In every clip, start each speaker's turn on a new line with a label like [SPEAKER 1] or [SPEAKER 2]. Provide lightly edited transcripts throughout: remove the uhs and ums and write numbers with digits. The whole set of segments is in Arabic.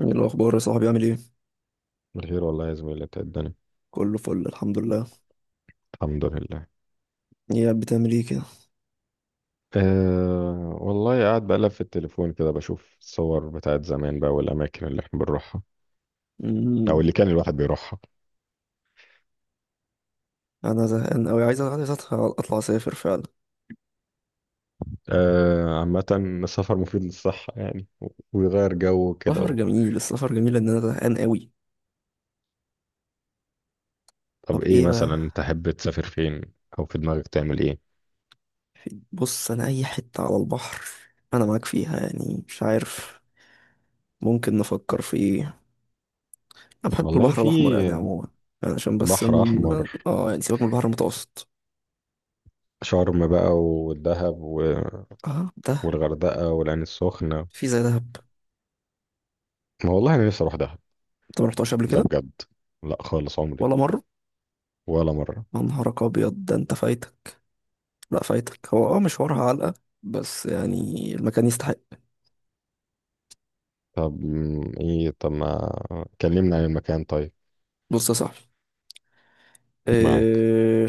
[SPEAKER 1] ايه الاخبار يا صاحبي؟ عامل ايه؟
[SPEAKER 2] بخير والله يا زميلي، إنت إيه الدنيا؟
[SPEAKER 1] كله فل، الحمد لله.
[SPEAKER 2] الحمد لله.
[SPEAKER 1] ايه بتعمل ايه كده؟
[SPEAKER 2] والله قاعد بقلب في التليفون كده، بشوف الصور بتاعت زمان بقى والأماكن اللي احنا بنروحها،
[SPEAKER 1] امم.
[SPEAKER 2] أو اللي كان الواحد بيروحها.
[SPEAKER 1] انا زهقان قوي، عايز اطلع اسافر فعلا.
[SPEAKER 2] عامة السفر مفيد للصحة يعني ويغير جو كده
[SPEAKER 1] سفر جميل، السفر جميل، ان انا زهقان قوي.
[SPEAKER 2] طب
[SPEAKER 1] طب
[SPEAKER 2] إيه
[SPEAKER 1] ايه بقى؟
[SPEAKER 2] مثلا تحب تسافر فين؟ أو في دماغك تعمل إيه؟
[SPEAKER 1] بص، انا اي حته على البحر. انا معاك فيها، يعني مش عارف. ممكن نفكر في ايه؟ انا بحب
[SPEAKER 2] والله
[SPEAKER 1] البحر الاحمر
[SPEAKER 2] في
[SPEAKER 1] يعني عموما. يعني عشان بس
[SPEAKER 2] بحر
[SPEAKER 1] ان...
[SPEAKER 2] أحمر،
[SPEAKER 1] اه يعني سيبك من البحر المتوسط.
[SPEAKER 2] شرم بقى والدهب
[SPEAKER 1] اه، ده
[SPEAKER 2] والغردقة والعين السخنة.
[SPEAKER 1] في زي دهب.
[SPEAKER 2] ما والله أنا نفسي أروح دهب،
[SPEAKER 1] انت ما رحتهاش قبل
[SPEAKER 2] ده
[SPEAKER 1] كده؟
[SPEAKER 2] بجد. لا خالص عمري،
[SPEAKER 1] ولا مره؟
[SPEAKER 2] ولا مرة.
[SPEAKER 1] يا نهارك ابيض، ده انت فايتك. لا فايتك، هو مشوارها علقة، بس يعني المكان يستحق.
[SPEAKER 2] طب م، ايه طب ما كلمنا عن المكان، طيب.
[SPEAKER 1] بص يا صاحبي.
[SPEAKER 2] معاك.
[SPEAKER 1] إيه؟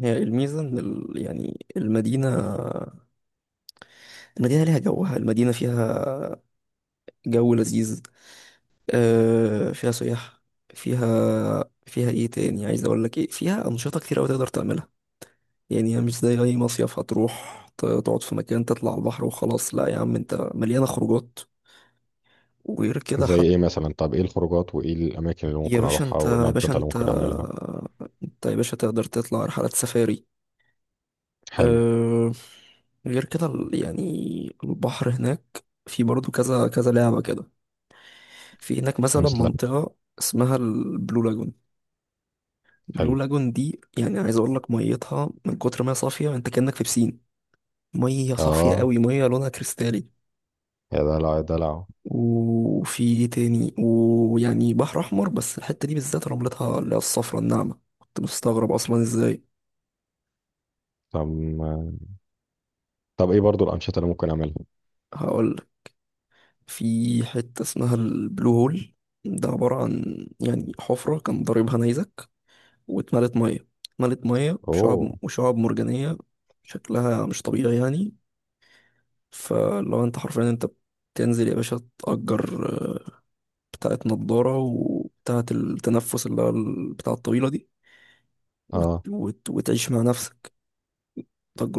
[SPEAKER 1] هي الميزة إن يعني المدينة، المدينة ليها جوها، المدينة فيها جو لذيذ. آه، فيها سياح. فيها فيها إيه تاني؟ عايز أقول لك إيه؟ فيها أنشطة كتير أوي تقدر تعملها. يعني هي مش زي أي مصيف هتروح تقعد في مكان، تطلع على البحر وخلاص. لا يا عم، أنت مليانة خروجات، وغير كده.
[SPEAKER 2] زي ايه مثلا؟ طب ايه الخروجات وايه الاماكن اللي
[SPEAKER 1] يا
[SPEAKER 2] ممكن
[SPEAKER 1] باشا
[SPEAKER 2] اروحها
[SPEAKER 1] انت،
[SPEAKER 2] وايه الانشطه اللي ممكن اعملها؟
[SPEAKER 1] يا باشا تقدر تطلع رحلات سفاري.
[SPEAKER 2] حلو.
[SPEAKER 1] أه... غير كده يعني البحر هناك في برضه كذا كذا لعبة كده. في هناك مثلا
[SPEAKER 2] مثله.
[SPEAKER 1] منطقة اسمها البلو لاجون. البلو
[SPEAKER 2] حلو.
[SPEAKER 1] لاجون دي، يعني عايز اقول لك، ميتها من كتر ما هي صافية انت كأنك في بسين. مية صافية
[SPEAKER 2] اه
[SPEAKER 1] قوي، مية لونها كريستالي.
[SPEAKER 2] يا دلع يا دلع.
[SPEAKER 1] وفي ايه تاني؟ ويعني بحر احمر، بس الحتة دي بالذات رملتها اللي هي الصفرا الناعمة، كنت مستغرب اصلا ازاي.
[SPEAKER 2] طب م، طب ايه برضو الانشطه اللي ممكن اعملها؟
[SPEAKER 1] هقول. في حتة اسمها البلو هول. ده عبارة عن يعني حفرة كان ضاربها نيزك، واتملت مية. اتملت مية
[SPEAKER 2] اوه.
[SPEAKER 1] بشعاب وشعاب مرجانية. شكلها مش طبيعي يعني. فلو انت حرفيا، انت بتنزل يا باشا، تأجر آه، بتاعة نضارة وبتاعة التنفس اللي هو البتاعة الطويلة دي،
[SPEAKER 2] اه
[SPEAKER 1] وتعيش مع نفسك.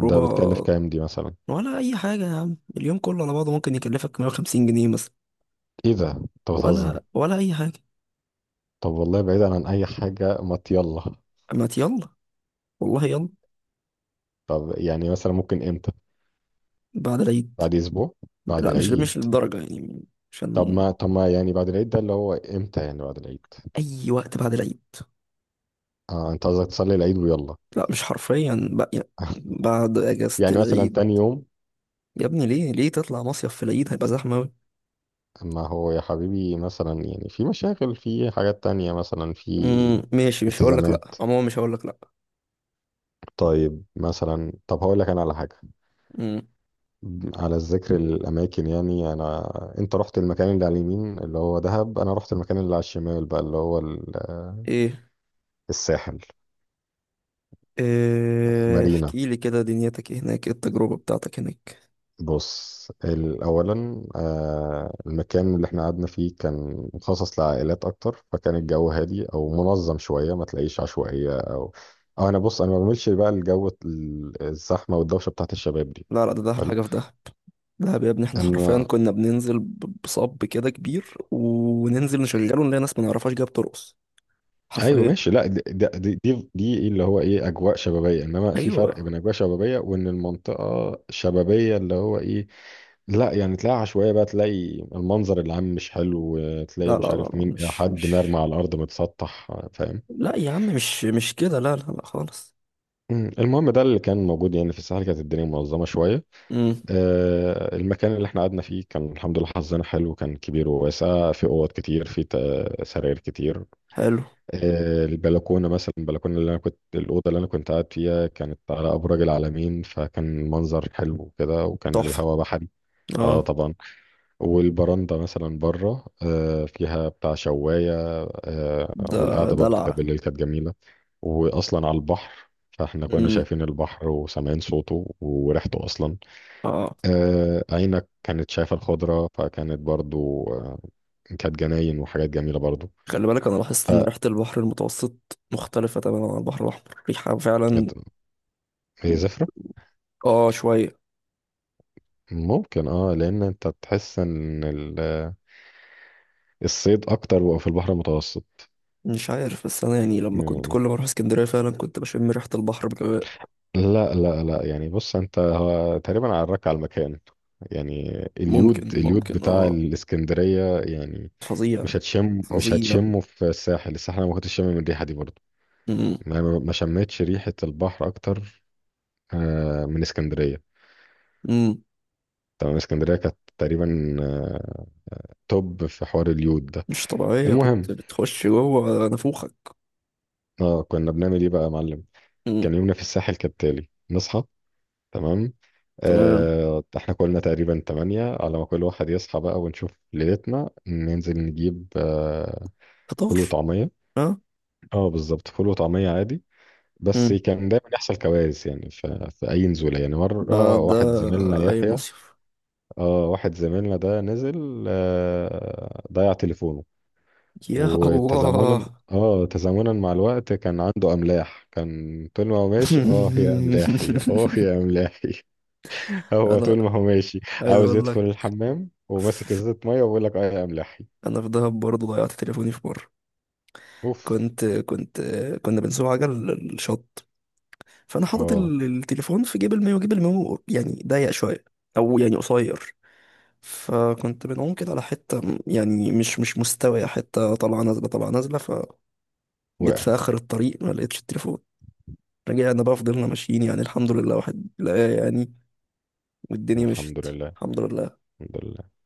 [SPEAKER 2] ده بتكلف كام دي مثلا؟
[SPEAKER 1] ولا أي حاجة يا عم، اليوم كله على بعضه ممكن يكلفك 150 جنيه مثلا.
[SPEAKER 2] ايه ده، انت بتهزر؟
[SPEAKER 1] ولا أي حاجة.
[SPEAKER 2] طب والله بعيدا عن اي حاجه، ما يلا.
[SPEAKER 1] ما يلا. والله يلا.
[SPEAKER 2] طب يعني مثلا ممكن امتى؟
[SPEAKER 1] بعد العيد.
[SPEAKER 2] بعد اسبوع؟ بعد
[SPEAKER 1] لا، مش
[SPEAKER 2] العيد؟
[SPEAKER 1] للدرجة يعني.
[SPEAKER 2] طب
[SPEAKER 1] عشان.
[SPEAKER 2] ما طب ما يعني بعد العيد ده اللي هو امتى؟ يعني بعد العيد.
[SPEAKER 1] أي وقت بعد العيد.
[SPEAKER 2] اه انت قصدك تصلي العيد ويلا؟
[SPEAKER 1] لا، مش حرفيا بقى يعني. بعد أجازة
[SPEAKER 2] يعني مثلا
[SPEAKER 1] العيد.
[SPEAKER 2] تاني يوم؟
[SPEAKER 1] يا ابني، ليه تطلع مصيف في العيد؟ هيبقى زحمة أوي.
[SPEAKER 2] ما هو يا حبيبي، مثلا يعني في مشاغل، في حاجات تانية، مثلا في
[SPEAKER 1] ماشي، مش هقولك لأ،
[SPEAKER 2] التزامات.
[SPEAKER 1] عموما مش هقولك لأ.
[SPEAKER 2] طيب مثلا، طب هقول لك انا على حاجة،
[SPEAKER 1] أمم.
[SPEAKER 2] على الذكر الاماكن، يعني انا، انت رحت المكان اللي على اليمين اللي هو دهب، انا رحت المكان اللي على الشمال بقى اللي هو
[SPEAKER 1] إيه؟
[SPEAKER 2] الساحل.
[SPEAKER 1] إيه،
[SPEAKER 2] مارينا.
[SPEAKER 1] احكي لي كده، دنيتك إيه هناك؟ إيه التجربة بتاعتك هناك؟
[SPEAKER 2] بص اولا، المكان اللي احنا قعدنا فيه كان مخصص لعائلات اكتر، فكان الجو هادي او منظم شويه، ما تلاقيش عشوائيه او، أو انا بص انا ما بعملش بقى الجو الزحمه والدوشه بتاعت الشباب دي.
[SPEAKER 1] لا لا، ده أحلى
[SPEAKER 2] حلو.
[SPEAKER 1] حاجة في ده. دهب يا ابني، احنا حرفيا
[SPEAKER 2] اما.
[SPEAKER 1] كنا بننزل بصب كده كبير وننزل نشغله نلاقي ناس ما نعرفهاش جايه بترقص.
[SPEAKER 2] ايوه
[SPEAKER 1] حرفيا.
[SPEAKER 2] ماشي. لا دي دي إيه اللي هو ايه، اجواء شبابيه، انما في فرق
[SPEAKER 1] ايوه.
[SPEAKER 2] بين اجواء شبابيه وان المنطقه شبابيه اللي هو ايه. لا يعني، تلاقي عشوائية بقى، تلاقي المنظر العام مش حلو، تلاقي
[SPEAKER 1] لا لا
[SPEAKER 2] مش
[SPEAKER 1] لا
[SPEAKER 2] عارف
[SPEAKER 1] لا،
[SPEAKER 2] مين
[SPEAKER 1] مش
[SPEAKER 2] حد مرمى
[SPEAKER 1] مش.
[SPEAKER 2] على الأرض متسطح. فاهم؟
[SPEAKER 1] لا يا عم، مش كده، لا لا لا خالص.
[SPEAKER 2] المهم ده اللي كان موجود يعني. في الساحل كانت الدنيا منظمة شوية.
[SPEAKER 1] امم.
[SPEAKER 2] المكان اللي احنا قعدنا فيه كان الحمد لله حظنا حلو، كان كبير وواسع، في أوض كتير، في سراير كتير.
[SPEAKER 1] حلو.
[SPEAKER 2] البلكونة مثلا، البلكونة اللي أنا كنت، الأوضة اللي أنا كنت قاعد فيها كانت على أبراج العلمين، فكان المنظر حلو كده، وكان
[SPEAKER 1] تحفة.
[SPEAKER 2] الهواء بحري. اه
[SPEAKER 1] اه
[SPEAKER 2] طبعا. والبرندة مثلا بره فيها بتاع شواية.
[SPEAKER 1] ده.
[SPEAKER 2] والقعدة برضو
[SPEAKER 1] دلع.
[SPEAKER 2] كانت بالليل، كانت جميلة. وأصلا على البحر، فاحنا كنا
[SPEAKER 1] امم.
[SPEAKER 2] شايفين البحر وسامعين صوته وريحته أصلا.
[SPEAKER 1] اه، آه.
[SPEAKER 2] عينك كانت شايفة الخضرة، فكانت برضو كانت جناين وحاجات جميلة برضو.
[SPEAKER 1] خلي بالك، انا لاحظت
[SPEAKER 2] ف
[SPEAKER 1] ان ريحة البحر المتوسط مختلفة تماما عن البحر الاحمر، ريحة فعلا.
[SPEAKER 2] هي زفرة.
[SPEAKER 1] اه، شوية.
[SPEAKER 2] ممكن اه، لأن أنت تحس إن الصيد أكتر بقى في البحر المتوسط.
[SPEAKER 1] مش عارف، بس انا يعني لما كنت
[SPEAKER 2] مم.
[SPEAKER 1] كل ما اروح اسكندرية فعلا كنت بشم ريحة البحر بجواء.
[SPEAKER 2] لا لا لا، يعني بص، أنت هو تقريبا عراك على المكان. يعني اليود،
[SPEAKER 1] ممكن
[SPEAKER 2] اليود
[SPEAKER 1] ممكن
[SPEAKER 2] بتاع
[SPEAKER 1] اه.
[SPEAKER 2] الاسكندرية يعني.
[SPEAKER 1] فظيع.
[SPEAKER 2] مش
[SPEAKER 1] فظيع.
[SPEAKER 2] هتشمه في الساحل. الساحل انا ما كنتش شامم الريحة دي برضه.
[SPEAKER 1] امم.
[SPEAKER 2] ما شميتش ريحة البحر اكتر من اسكندرية.
[SPEAKER 1] امم.
[SPEAKER 2] تمام، اسكندرية كانت تقريبا توب في حوار اليود ده.
[SPEAKER 1] مش طبيعية،
[SPEAKER 2] المهم،
[SPEAKER 1] بتخش جوه نافوخك.
[SPEAKER 2] اه كنا بنعمل ايه بقى يا معلم؟ كان
[SPEAKER 1] امم.
[SPEAKER 2] يومنا في الساحل كالتالي، نصحى، تمام،
[SPEAKER 1] تمام.
[SPEAKER 2] احنا كلنا تقريبا تمانية، على ما كل واحد يصحى بقى، ونشوف ليلتنا، ننزل نجيب فول
[SPEAKER 1] فطار.
[SPEAKER 2] وطعمية.
[SPEAKER 1] ها.
[SPEAKER 2] اه بالظبط، فول وطعمية عادي. بس
[SPEAKER 1] مم.
[SPEAKER 2] كان دايما يحصل كوارث يعني، في أي نزولة، يعني مرة
[SPEAKER 1] ده ده.
[SPEAKER 2] واحد زميلنا
[SPEAKER 1] اي
[SPEAKER 2] يحيى،
[SPEAKER 1] مصيف.
[SPEAKER 2] اه واحد زميلنا ده نزل ضيع تليفونه.
[SPEAKER 1] يا
[SPEAKER 2] وتزامنا،
[SPEAKER 1] الله.
[SPEAKER 2] اه تزامنا مع الوقت كان عنده أملاح، كان طول ما هو ماشي، اه يا أملاحي اه يا أملاحي. هو
[SPEAKER 1] انا
[SPEAKER 2] طول ما هو ماشي
[SPEAKER 1] عايز
[SPEAKER 2] عاوز
[SPEAKER 1] اقول
[SPEAKER 2] يدخل
[SPEAKER 1] لك.
[SPEAKER 2] الحمام وماسك
[SPEAKER 1] ف-
[SPEAKER 2] ازازة مية وبيقول لك اه يا أملاحي.
[SPEAKER 1] انا في دهب برضه ضيعت تليفوني في مره.
[SPEAKER 2] اوف.
[SPEAKER 1] كنت، كنا بنسوق عجل الشط. فانا حاطط
[SPEAKER 2] اه
[SPEAKER 1] التليفون في جيب المايو، جيب المايو يعني ضيق شويه، او يعني قصير. فكنت بنعوم كده على حته يعني مش مستويه، حته طالعه نازله طالعه نازله، فجيت
[SPEAKER 2] وقع.
[SPEAKER 1] في اخر الطريق ما لقيتش التليفون. رجعنا بقى، فضلنا ماشيين، يعني الحمد لله واحد لقاه يعني، والدنيا
[SPEAKER 2] الحمد
[SPEAKER 1] مشيت.
[SPEAKER 2] لله.
[SPEAKER 1] الحمد لله.
[SPEAKER 2] الحمد لله.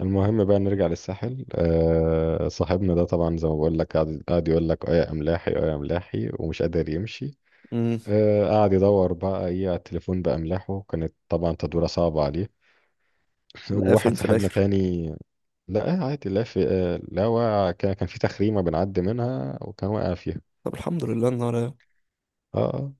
[SPEAKER 2] المهم بقى، نرجع للساحل. صاحبنا ده طبعا زي ما بقول لك قاعد، يقول لك اه يا املاحي اه يا املاحي، ومش قادر يمشي.
[SPEAKER 1] امم.
[SPEAKER 2] قاعد يدور بقى ايه على التليفون باملاحه، كانت طبعا تدوره صعبه عليه.
[SPEAKER 1] لقاه فين
[SPEAKER 2] وواحد
[SPEAKER 1] في
[SPEAKER 2] صاحبنا
[SPEAKER 1] الاخر؟
[SPEAKER 2] تاني، لا عادي، لا في لا واقع، كان في تخريمه بنعدي منها وكان واقع فيها.
[SPEAKER 1] طب الحمد لله النهار.
[SPEAKER 2] اه اه.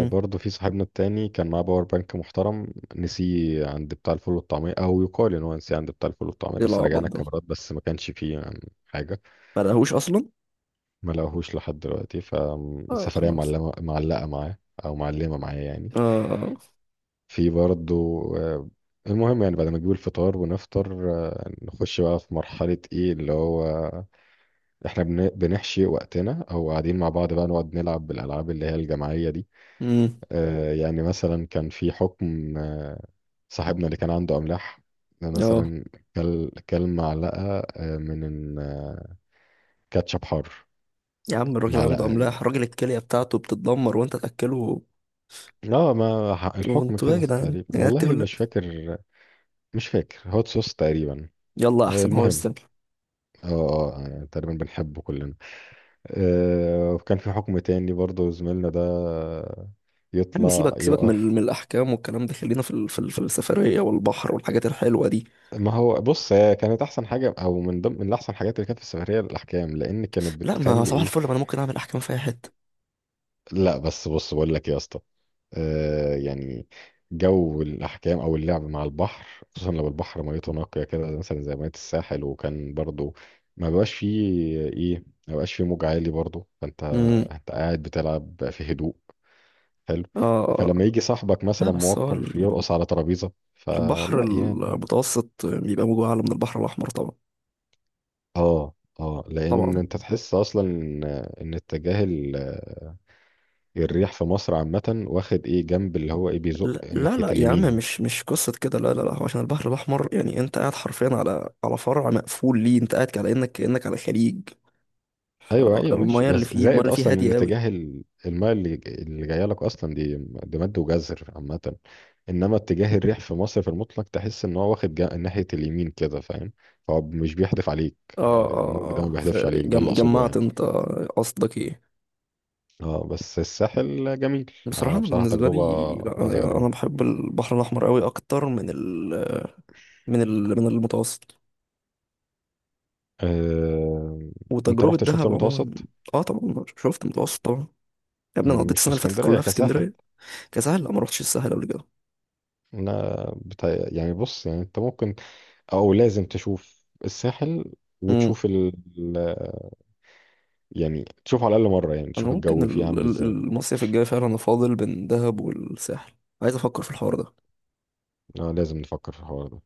[SPEAKER 2] برضه في صاحبنا التاني كان معاه باور بانك محترم، نسيه عند بتاع الفول والطعميه، او يقال ان هو نسيه عند بتاع الفول والطعميه،
[SPEAKER 1] ايه
[SPEAKER 2] بس
[SPEAKER 1] العبط
[SPEAKER 2] رجعنا
[SPEAKER 1] ده؟
[SPEAKER 2] الكاميرات بس ما كانش فيه يعني حاجه.
[SPEAKER 1] ما لقاهوش اصلا.
[SPEAKER 2] ما لقاهوش لحد دلوقتي،
[SPEAKER 1] اه
[SPEAKER 2] فالسفرية
[SPEAKER 1] خلاص.
[SPEAKER 2] معلمة معلقة معاه، أو معلمة معايا يعني.
[SPEAKER 1] اه.
[SPEAKER 2] في برضه آه، المهم يعني بعد ما نجيب الفطار ونفطر، نخش بقى في مرحلة ايه اللي هو، احنا بنحشي وقتنا، او قاعدين مع بعض بقى نقعد نلعب بالألعاب اللي هي الجماعية دي.
[SPEAKER 1] امم.
[SPEAKER 2] يعني مثلا كان في حكم، صاحبنا اللي كان عنده أملاح
[SPEAKER 1] اه.
[SPEAKER 2] مثلا، كل معلقة آه، من آه، كاتشب حار.
[SPEAKER 1] يا عم الراجل عنده
[SPEAKER 2] معلقة
[SPEAKER 1] املاح، راجل الكليه بتاعته بتتدمر وانت تاكله.
[SPEAKER 2] اه، ما ح- الحكم
[SPEAKER 1] وانتوا إيه يا
[SPEAKER 2] كده
[SPEAKER 1] جدعان،
[SPEAKER 2] تقريبا
[SPEAKER 1] يا جدعان
[SPEAKER 2] والله
[SPEAKER 1] تولى.
[SPEAKER 2] مش فاكر، مش فاكر، هوت صوص تقريبا.
[SPEAKER 1] يلا احسن هو
[SPEAKER 2] المهم،
[SPEAKER 1] يستاهل.
[SPEAKER 2] يعني تقريبا بنحبه كلنا. وكان في حكم تاني برضه زميلنا ده،
[SPEAKER 1] يا عم،
[SPEAKER 2] يطلع
[SPEAKER 1] سيبك سيبك من
[SPEAKER 2] يقف.
[SPEAKER 1] من الاحكام والكلام ده، خلينا في في السفريه والبحر والحاجات الحلوه دي.
[SPEAKER 2] ما هو بص، هي كانت احسن حاجه او من ضمن من احسن حاجات اللي كانت في السفريه الاحكام، لان كانت
[SPEAKER 1] لا، ما
[SPEAKER 2] بتخلي
[SPEAKER 1] صباح
[SPEAKER 2] ايه.
[SPEAKER 1] الفل، ما انا ممكن اعمل احكام في اي حته.
[SPEAKER 2] لا بس بص بقول لك إيه يا اسطى، يعني جو الاحكام او اللعب مع البحر، خصوصا لو البحر ميته نقيه كده مثلا زي ميه الساحل، وكان برضو ما بقاش فيه ما بقاش فيه موج عالي برضو، فانت
[SPEAKER 1] امم.
[SPEAKER 2] انت قاعد بتلعب في هدوء. حلو. فلما
[SPEAKER 1] اه.
[SPEAKER 2] يجي صاحبك
[SPEAKER 1] لا
[SPEAKER 2] مثلا
[SPEAKER 1] بس هو
[SPEAKER 2] موقر يرقص على ترابيزه
[SPEAKER 1] البحر
[SPEAKER 2] فلا يعني.
[SPEAKER 1] المتوسط بيبقى موجه أعلى من البحر الأحمر طبعا.
[SPEAKER 2] اه اه، لان
[SPEAKER 1] طبعا.
[SPEAKER 2] انت تحس اصلا ان، إن اتجاه الريح في مصر عامه واخد ايه جنب اللي هو ايه، بيزق
[SPEAKER 1] لا لا
[SPEAKER 2] ناحيه
[SPEAKER 1] لا يا عم،
[SPEAKER 2] اليمين.
[SPEAKER 1] مش قصة كده، لا لا لا، هو عشان البحر الأحمر يعني أنت قاعد حرفيا على فرع مقفول. ليه أنت قاعد على إنك كأنك على خليج،
[SPEAKER 2] ايوه ايوه ماشي،
[SPEAKER 1] فالمية اللي
[SPEAKER 2] بس
[SPEAKER 1] فيه، المية
[SPEAKER 2] زائد
[SPEAKER 1] اللي فيه
[SPEAKER 2] اصلا ان
[SPEAKER 1] هادية أوي.
[SPEAKER 2] اتجاه الماء اللي جايه لك اصلا، دي دي مد وجزر عامه، انما اتجاه الريح في مصر في المطلق تحس ان هو واخد ناحيه اليمين كده، فاهم؟ فهو مش بيحدف عليك.
[SPEAKER 1] اه
[SPEAKER 2] الموج
[SPEAKER 1] اه
[SPEAKER 2] ده ما
[SPEAKER 1] اه،
[SPEAKER 2] بيحدفش عليك، ده اللي اقصده
[SPEAKER 1] فجمعت
[SPEAKER 2] يعني.
[SPEAKER 1] أنت؟ قصدك إيه؟
[SPEAKER 2] اه بس الساحل جميل.
[SPEAKER 1] بصراحة
[SPEAKER 2] انا
[SPEAKER 1] أنا
[SPEAKER 2] بصراحه
[SPEAKER 1] بالنسبة
[SPEAKER 2] تجربه
[SPEAKER 1] لي، لا أنا
[SPEAKER 2] عايز
[SPEAKER 1] يعني أنا
[SPEAKER 2] اجربها.
[SPEAKER 1] بحب البحر الأحمر أوي أكتر من ال من ال من المتوسط.
[SPEAKER 2] أه... انت
[SPEAKER 1] وتجربة
[SPEAKER 2] رحت شفت
[SPEAKER 1] دهب عموما.
[SPEAKER 2] المتوسط؟
[SPEAKER 1] اه طبعا، شفت المتوسط طبعا. يا ابني، انا قضيت
[SPEAKER 2] مش في
[SPEAKER 1] السنه اللي فاتت
[SPEAKER 2] اسكندريه
[SPEAKER 1] كلها في
[SPEAKER 2] كساحل.
[SPEAKER 1] اسكندريه. كسهل، لا ما رحتش الساحل قبل كده.
[SPEAKER 2] انا بتا... يعني بص يعني، انت ممكن او لازم تشوف الساحل،
[SPEAKER 1] امم.
[SPEAKER 2] وتشوف يعني، تشوف على الأقل مرة يعني
[SPEAKER 1] انا
[SPEAKER 2] تشوف
[SPEAKER 1] ممكن
[SPEAKER 2] الجو فيه عامل ازاي.
[SPEAKER 1] المصيف الجاي فعلا انا فاضل بين دهب والساحل. عايز افكر في الحوار ده.
[SPEAKER 2] آه لازم نفكر في الحوار ده.